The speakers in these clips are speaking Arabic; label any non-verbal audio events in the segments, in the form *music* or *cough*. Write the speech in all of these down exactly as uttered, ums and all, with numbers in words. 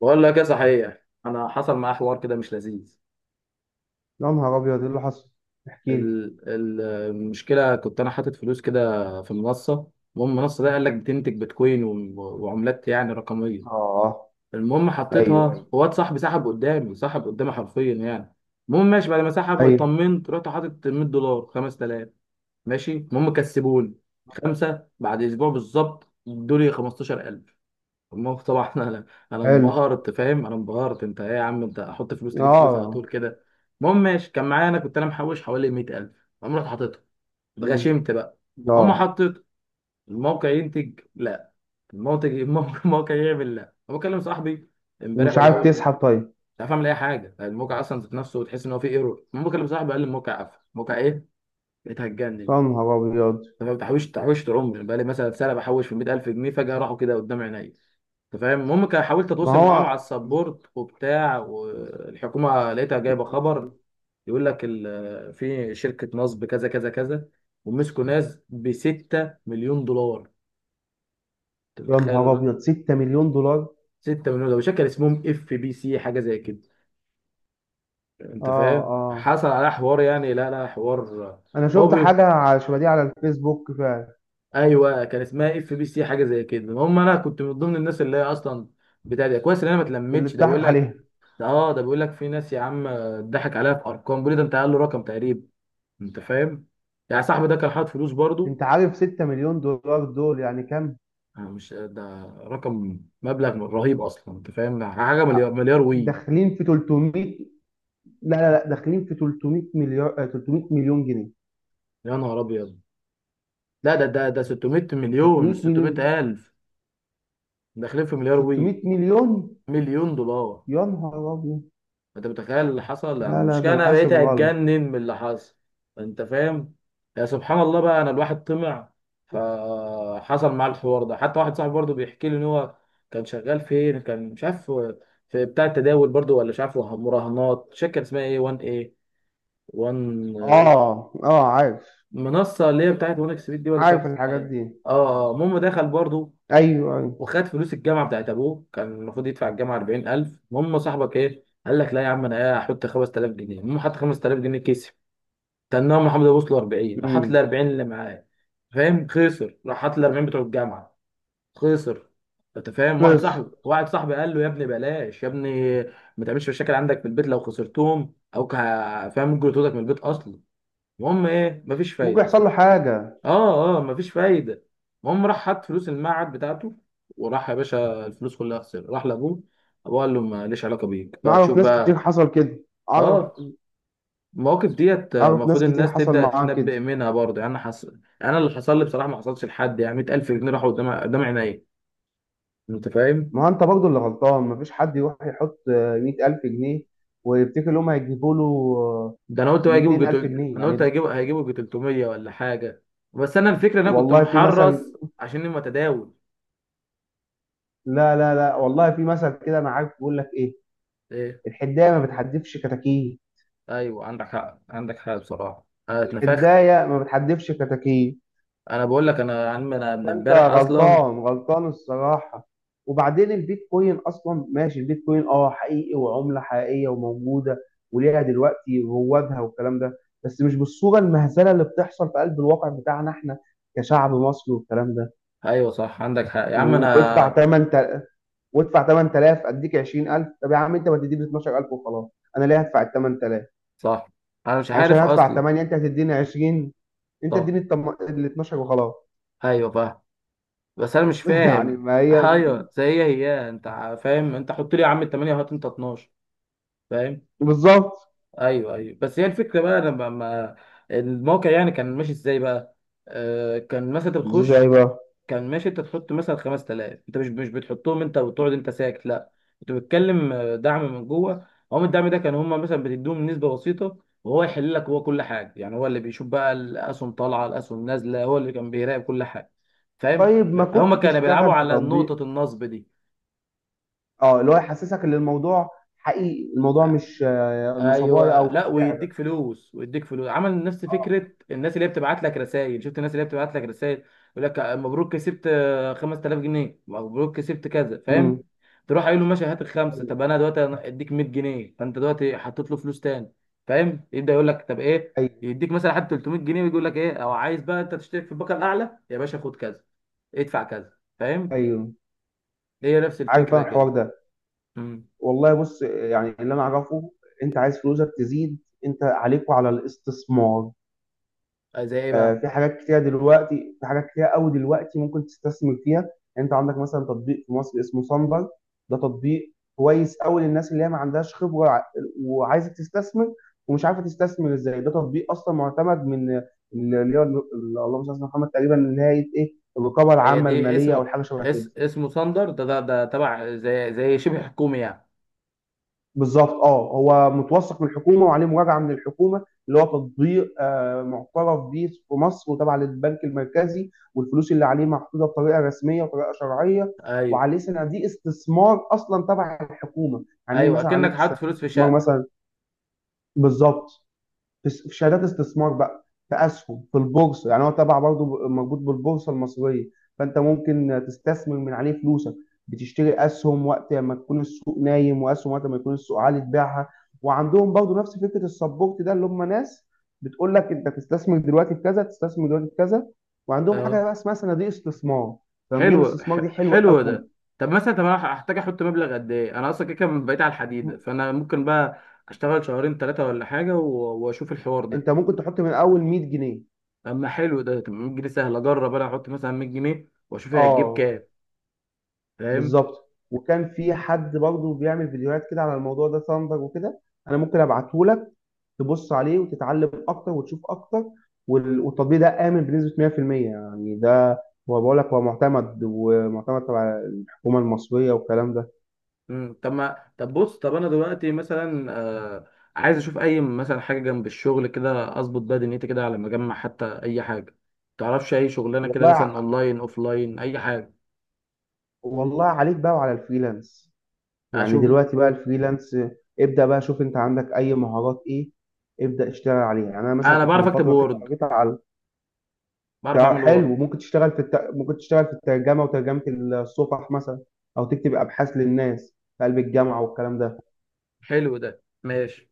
بقول لك ايه؟ صحيح انا حصل معايا حوار كده مش لذيذ. يا نهار ابيض! ايه اللي حصل؟ احكي لي. ال- ال- المشكله، كنت انا حاطط فلوس كده في منصه. المهم المنصه ده قال لك بتنتج بيتكوين و- وعملات يعني رقميه. اه. المهم ايوه، ايوه، حطيتها، وواد صاحبي سحب قدامي، سحب قدامي حرفيا يعني. المهم ماشي، بعد ما سحب ايوه. اطمنت، رحت حاطط مية دولار، خمسة آلاف. ماشي المهم كسبوني خمسه، بعد اسبوع بالظبط ادوني خمستاشر الف. ما هو طبعا *laughs* انا انا حلو. انبهرت، فاهم؟ انا انبهرت. انت ايه يا عم؟ انت احط فلوس تجيب فلوس على اه. طول كده. المهم ماشي، كان معايا انا، كنت انا محوش حوالي مية الف. قام رحت حاططهم، مم. اتغشمت بقى. اه. هم حطيت، الموقع ينتج لا، الموقع الموقع الموقع يعمل لا. انا بكلم صاحبي امبارح ومش ولا عارف اول امبارح، تسحب؟ طيب. مش عارف اعمل اي حاجه، الموقع اصلا ذات نفسه وتحس ان هو فيه ايرور. المهم بكلم صاحبي قال لي الموقع قفل. الموقع ايه؟ بقيت هتجنن. يا نهار ابيض! طب ما بتحوش، تحوشت عمري بقى لي مثلا سنه، بحوش في مية الف جنيه، فجاه راحوا كده قدام عينيا. انت فاهم؟ المهم كان حاولت ما اتواصل معاهم على هو. السبورت وبتاع، والحكومه لقيتها جايبه خبر، يقول لك ال- في شركه نصب كذا كذا كذا، ومسكوا ناس ب ستة مليون دولار. انت يا متخيل نهار ده؟ ابيض! ستة مليون دولار. ستة مليون دولار. شكل اسمهم اف بي سي، حاجه زي كده. اه، انت فاهم؟ اه، حصل على حوار يعني، لا لا حوار. انا هو شفت بي... حاجه على- شبه دي على الفيسبوك فعلا. ايوه كان اسمها اف بي سي، حاجه زي كده. المهم انا كنت من ضمن الناس اللي هي اصلا بتاع ده. كويس ان انا ما اللي اتلمتش. ده اتضحك بقول لك، عليها. ده اه، ده بيقول لك في ناس يا عم ضحك عليها في ارقام. بيقول لي ده انت، قال له رقم تقريبا، انت فاهم؟ يعني صاحبي ده كان حاطط فلوس برضو. انت عارف ستة مليون دولار دول يعني كام؟ أنا مش، ده رقم مبلغ رهيب اصلا، انت فاهم حاجه؟ مليار، مليار وي. داخلين في تلت مية. لا لا لا، داخلين في تلت مية مليار آه، تلت مية مليون جنيه. يا نهار ابيض. لا ده ده ده ستمية مليون، تلت مية مش ستمية مليون. الف. داخلين في مليار وي، ست مية مليون. مليون دولار. يا نهار أبيض! انت متخيل اللي حصل يعني؟ لا لا، ده المشكله أنا انا حاسب بقيت غلط. اتجنن من اللي حصل. انت فاهم؟ يا سبحان الله بقى، انا الواحد طمع، فحصل معاه الحوار ده. حتى واحد صاحبي برضه بيحكي لي ان هو كان شغال فين، كان مش عارف، في بتاع التداول برضه، ولا مش عارف مراهنات. شركه كان اسمها ايه؟ واحد ايه؟ واحد. آه آه، عارف. منصه اللي هي بتاعت واحد اكس بيت دي، ولا مش عارف عارف اسمها الحاجات ايه. دي. اه، آه، المهم دخل برضه، أيوه أيوه. وخد فلوس الجامعه بتاعت ابوه. كان المفروض يدفع الجامعه اربعين الف. المهم صاحبك ايه، قال لك لا يا عم انا ايه، هحط خمستالاف جنيه. المهم حط خمستالاف جنيه كسب. تنام محمد ابو وصل اربعين، راح حاط ال أمم اربعين اللي معاه. فاهم؟ خسر. راح حاط ال اربعين بتوع الجامعه، خسر. انت فاهم؟ واحد بس صاحبي واحد صاحبي قال له يا ابني بلاش يا ابني، ما تعملش مشاكل عندك في البيت لو خسرتهم، او ك- فاهم، ممكن يطردك من البيت اصلا. المهم ايه، مفيش ممكن فايده. يحصل له حاجة. اه اه، مفيش فايده. المهم راح حط فلوس المعهد بتاعته، وراح يا باشا، الفلوس كلها خسر. راح لابوه، ابوه قال له ماليش علاقه بيك أنا بقى، أعرف تشوف ناس كتير بقى. حصل كده. أعرف. اه. المواقف ديت، آه، أعرف المفروض ناس كتير الناس حصل تبدا معاها كده. تتنبأ منها برضه يعني. انا حصل انا، اللي حصل لي بصراحه ما حصلش لحد يعني، مية الف جنيه راحوا قدام قدام عينيا. انت فاهم؟ ما هو أنت برضه اللي غلطان. مفيش حد يروح يحط مية ألف جنيه ويفتكر إن هم هيجيبوا له ده انا قلت بقى ميتين هيجيبوا ألف جتل... جنيه انا قلت يعني. هيجيبوا، هيجيبوا جي تلتمية ولا حاجه. بس انا الفكره ان انا كنت والله في مثل، محرص عشان متداول. لا لا لا، والله في مثل كده، أنا عارف بيقول لك إيه. ايه؟ الحداية ما بتحدفش كتاكيت. ايوه عندك حق، عندك حق بصراحه، انا اتنفخت. الحداية ما بتحدفش كتاكيت. انا بقول لك انا، يا عم انا من فانت امبارح اصلا. غلطان، غلطان الصراحه. وبعدين البيتكوين اصلا ماشي، البيتكوين اه حقيقي، وعمله حقيقيه وموجوده، وليها دلوقتي روادها والكلام ده. بس مش بالصوره المهزله اللي بتحصل في قلب الواقع بتاعنا احنا كشعب مصري والكلام ده. ايوه صح، عندك حق يا عم و- وادفع انا. تمانية، وادفع تمن تلاف اديك عشرين الف. طب يا عم انت ما تديني اتناشر الف وخلاص؟ انا ليه هدفع ال ثمانية آلاف؟ صح. انا مش يعني مش عارف انا هدفع اصلا. تمانية انت هتديني عشرين، انت صح. اديني ال اثنا عشر وخلاص. ايوه فاهم. بس انا مش *laughs* يعني، فاهم ما *laughs* هي ايوه، زي هي هي انت، ع- فاهم؟ انت حط لي يا عم التمانية، هات انت اتناشر. فاهم؟ بالظبط. ايوه ايوه. بس هي الفكره بقى لما ما ما- الموقع يعني كان ماشي ازاي بقى؟ آه كان مثلا انت ازاي بتخش. بقى؟ كان ماشي انت تحط مثلا خمستالاف، انت مش مش بتحطهم انت وتقعد انت ساكت؟ لا، انت بتتكلم، آه، دعم من جوه. هم الدعم ده كان، هم مثلا بتديهم نسبه بسيطه، وهو يحل لك هو كل حاجه يعني. هو اللي بيشوف بقى، الاسهم طالعه، الاسهم نازله، هو اللي كان بيراقب كل حاجه. فاهم؟ طيب ما هم كنت كانوا بيلعبوا تشتغل في على تطبيق؟ نقطه النصب دي. اه، اللي هو يحسسك ان الموضوع حقيقي، الموضوع مش آه، نصبايا ايوه. او لا، مش ويديك لعبه. فلوس، ويديك فلوس. عمل نفس اه، فكره الناس اللي هي بتبعت لك رسائل. شفت الناس اللي هي بتبعت لك رسائل؟ يقول لك مبروك كسبت، آه، خمستالاف جنيه، مبروك كسبت كذا. امم فاهم؟ تروح قايل له ماشي هات الخمسه. ايوه، طب انا دلوقتي، أنا اديك مية جنيه، فانت دلوقتي حطيت له فلوس تاني. فاهم؟ يبدا يقول لك طب ايه، ايوه، يديك مثلا حتى تلتمية جنيه، ويجي يقول لك ايه، او عايز بقى انت تشترك في الباقه الاعلى يا باشا، خد كذا ادفع كذا. فاهم؟ ايوه، هي نفس عارف انا الفكره كده. الحوار ده. امم. والله بص، يعني اللي انا اعرفه، انت عايز فلوسك تزيد، انت عليك وعلى الاستثمار. زي ايه آه، بقى؟ في حاجات كتيرة دلوقتي، في حاجات كتيرة قوي دلوقتي ممكن تستثمر فيها. يعني انت عندك مثلا تطبيق في مصر اسمه سنبل. ده تطبيق كويس قوي للناس اللي هي ما عندهاش خبرة ع- وعايزة تستثمر ومش عارفة تستثمر ازاي. ده تطبيق اصلا معتمد من اللي هي، اللهم صل على سيدنا محمد، تقريبا اللي هي ايه، الرقابة هي العامة دي المالية اسم، او حاجة شبه كده. اس اسمه ثاندر ده، ده ده تبع، زي زي شبه حكومي يعني. بالضبط. آه، هو متوثّق من الحكومة وعليه مراجعة من الحكومة، اللي هو تطبيق آآ مُعترف بيه في مصر وتابع للبنك المركزي، والفلوس اللي عليه محطوطة بطريقة رسمية وطريقة شرعية، ايوه، وعليه صناديق استثمار أصلًا تبع الحكومة، يعني ايوه، مثلًا عليه اكنك حاطط صناديق فلوس في استثمار شقه. مثلًا. بالضبط. في س- في شهادات استثمار بقى، في اسهم في البورصه. يعني هو تبع برضه ب- مربوط بالبورصه المصريه. فانت ممكن تستثمر من عليه فلوسك، بتشتري اسهم وقت ما تكون السوق نايم، واسهم وقت ما يكون السوق عالي تبيعها. وعندهم برضه نفس فكره السبورت ده، اللي هم ناس بتقول لك انت تستثمر دلوقتي في كذا، تستثمر دلوقتي في كذا. وعندهم حاجه اه. بقى اسمها صناديق استثمار. صناديق حلو، الاستثمار دي ح- حلوه حلو قوي. ده. طب مثلا، طب انا هحتاج احط مبلغ قد ايه؟ انا اصلا كده كده بقيت على الحديده، م- فانا ممكن بقى اشتغل شهرين ثلاثه ولا حاجه، و- واشوف الحوار ده. انت ممكن تحط من اول مية جنيه. اما حلو ده. طب مية جنيه سهل اجرب، انا احط مثلا مية جنيه واشوف هي هتجيب اه كام. فاهم؟ بالظبط. وكان في حد برضه بيعمل فيديوهات كده على الموضوع ده، ثاندر وكده. انا ممكن ابعته لك تبص عليه وتتعلم اكتر وتشوف اكتر. وال- والتطبيق ده امن بنسبه مية في المية، يعني ده هو بقول لك هو معتمد، ومعتمد تبع الحكومه المصريه والكلام ده. مم. طب ما، طب بص، طب انا دلوقتي مثلا، آه، عايز اشوف اي مثلا حاجه جنب الشغل كده، اظبط بقى دنيتي كده على ما اجمع، حتى اي حاجه. تعرفش اي شغلانه كده والله مثلا؟ ع- اونلاين، اوفلاين، اي حاجه والله عليك بقى وعلى الفريلانس. يعني اشوف. دلوقتي بقى الفريلانس، ابدا بقى شوف انت عندك اي مهارات ايه، ابدا اشتغل عليها. يعني انا مثلا انا كنت بعرف من اكتب فتره كده وورد، قريت على بعرف تع- اعمل وورد. حلو، ممكن تشتغل في الت... ممكن تشتغل في الترجمة، وترجمة الصفح مثلا، أو تكتب أبحاث للناس في قلب الجامعة والكلام ده. حلو ده ماشي.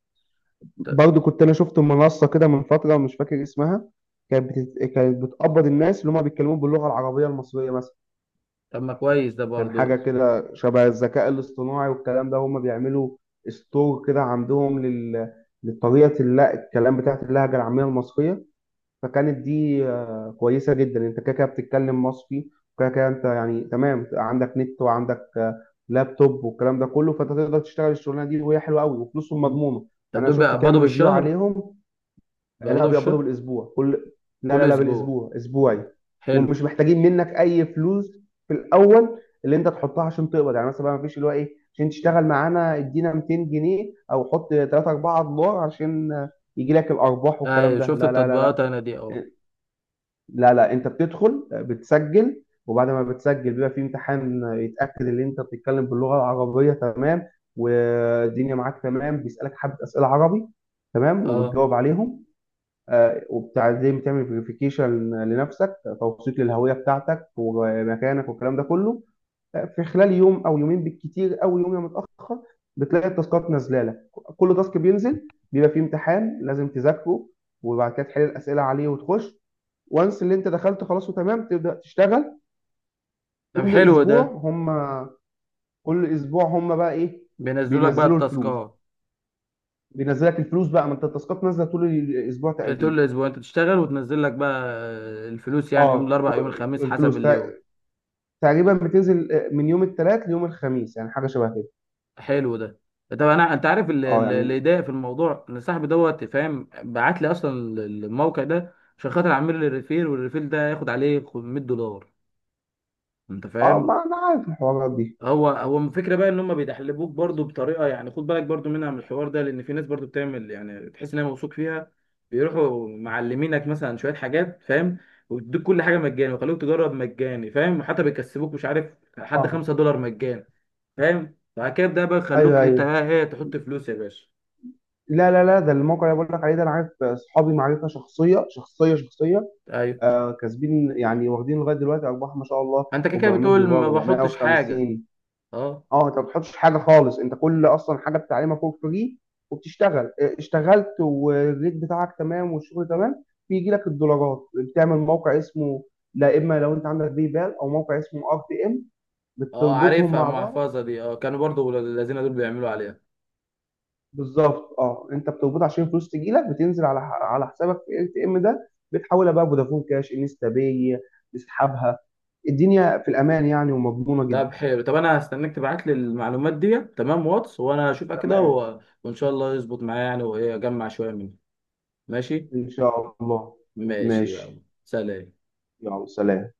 ط- برضو كنت أنا شفت منصة كده من فترة مش فاكر اسمها. كانت بتت... كانت بتقبض الناس اللي هم بيتكلموا باللغة العربية المصرية مثلا. طب ما كويس ده كان برضو. حاجة كده شبه الذكاء الاصطناعي والكلام ده، هم بيعملوا ستور كده عندهم لل... لطريقة الل- الكلام بتاعت اللهجة العامية المصرية. فكانت دي آه، كويسه جدا. انت كده كده بتتكلم مصري، وكده كده انت يعني تمام، عندك نت وعندك آه، لابتوب والكلام ده كله، فانت تقدر تشتغل الشغلانه دي، وهي حلوه قوي وفلوسهم مم. مضمونه. طب يعني انا دول شفت كام بيقبضوا ريفيو بالشهر؟ عليهم. آه، لا بيقبضوا بيقبضوا بالشهر؟ بالاسبوع، كل لا كل لا لا، اسبوع؟ بالاسبوع آه. اسبوعي. حلو. ومش محتاجين منك اي فلوس في الاول اللي انت تحطها عشان تقبض، يعني مثلا ما فيش اللي هو ايه عشان تشتغل معانا ادينا ميتين جنيه او حط تلاتة اربعة دولار عشان آه، يجي لك الارباح والكلام ايوه ده. شفت لا لا لا التطبيقات لا، انا دي، اه. لا لا، انت بتدخل، آه، بتسجل، وبعد ما بتسجل بيبقى في امتحان يتاكد ان انت بتتكلم باللغه العربيه تمام، والدنيا معاك تمام، بيسالك حبه اسئله عربي تمام اه. وبتجاوب عليهم. آه، وبتعزم تعمل فيريفيكيشن لنفسك، توثيق للهويه بتاعتك ومكانك والكلام ده كله. آه، في خلال يوم او يومين بالكتير، او يوم يا متاخر، بتلاقي التاسكات نازله لك. كل تاسك بينزل بيبقى فيه امتحان لازم تذاكره، وبعد كده تحل الاسئله عليه وتخش، وانس اللي انت دخلت خلاص وتمام تبدا تشتغل. طب كل حلو اسبوع ده، هم كل اسبوع هم بقى ايه، بينزلوا لك بقى بينزلوا الفلوس. التاسكات بينزلك الفلوس بقى، ما انت التاسكات نازله طول الاسبوع تقريبا. طول الاسبوع، انت تشتغل وتنزل لك بقى الفلوس، يعني يوم اه الاربع يوم كو- الخميس حسب الفلوس اليوم. تق- تقريبا بتنزل آه، من يوم الثلاث ليوم الخميس، يعني حاجه شبه كده. حلو ده. طب انا، انت عارف اللي اه اللي- يعني. اللي يضايق في الموضوع، ان صاحبي دوت فاهم بعت لي اصلا الموقع ده عشان خاطر اعمل لي ريفير، والريفير ده ياخد عليه خمسمية دولار. انت اه فاهم؟ ما انا عارف الحوارات دي. هو هو الفكره بقى ان هم بيدحلبوك برضو بطريقه، يعني خد بالك برضو منها من الحوار ده، لان في ناس برضو بتعمل يعني تحس ان هي موثوق فيها، بيروحوا معلمينك مثلا شويه حاجات. فاهم؟ ويدوك كل حاجه مجاني، ويخلوك تجرب مجاني. فاهم؟ حتى بيكسبوك مش عارف لحد اه خمسة دولار مجاني. فاهم؟ بعد كده ده بقى يخلوك ايوه انت ايوه. بقى ايه، إيه، تحط فلوس يا باشا. لا لا لا، ده الموقع اللي بقول لك عليه، ده انا عارف اصحابي معرفه شخصيه شخصيه شخصيه. ايوه. آه كاسبين يعني، واخدين لغايه دلوقتي ارباح ما شاء الله، انت كده كده 400 بتقول دولار ما بحطش حاجه؟ اربع ميه وخمسين. اه. اه انت ما بتحطش حاجه خالص، انت كل اصلا حاجه بتتعلمها فور فري. وبتشتغل اه، اشتغلت والريت بتاعك تمام والشغل تمام، بيجي لك الدولارات. بتعمل موقع اسمه، لا، اما لو انت عندك باي بال او موقع اسمه ار تي ام اه بتربطهم عارفها مع بعض. المحفظه دي، اه، كانوا برضو الذين دول بيعملوا عليها. بالظبط. اه، انت بتربط عشان الفلوس تجي لك، بتنزل على على حسابك في ار تي ام ده، بتحولها بقى فودافون كاش انستا باي، تسحبها. الدنيا في الامان يعني ومضمونه جدا. طب حلو. طب انا هستناك تبعت لي المعلومات دي تمام واتس، وانا اشوفها كده، تمام، و... وان شاء الله يظبط معايا يعني، وايه اجمع شويه منها. ماشي. ان شاء الله. ماشي يلا. ماشي سلام. يلا. سلام.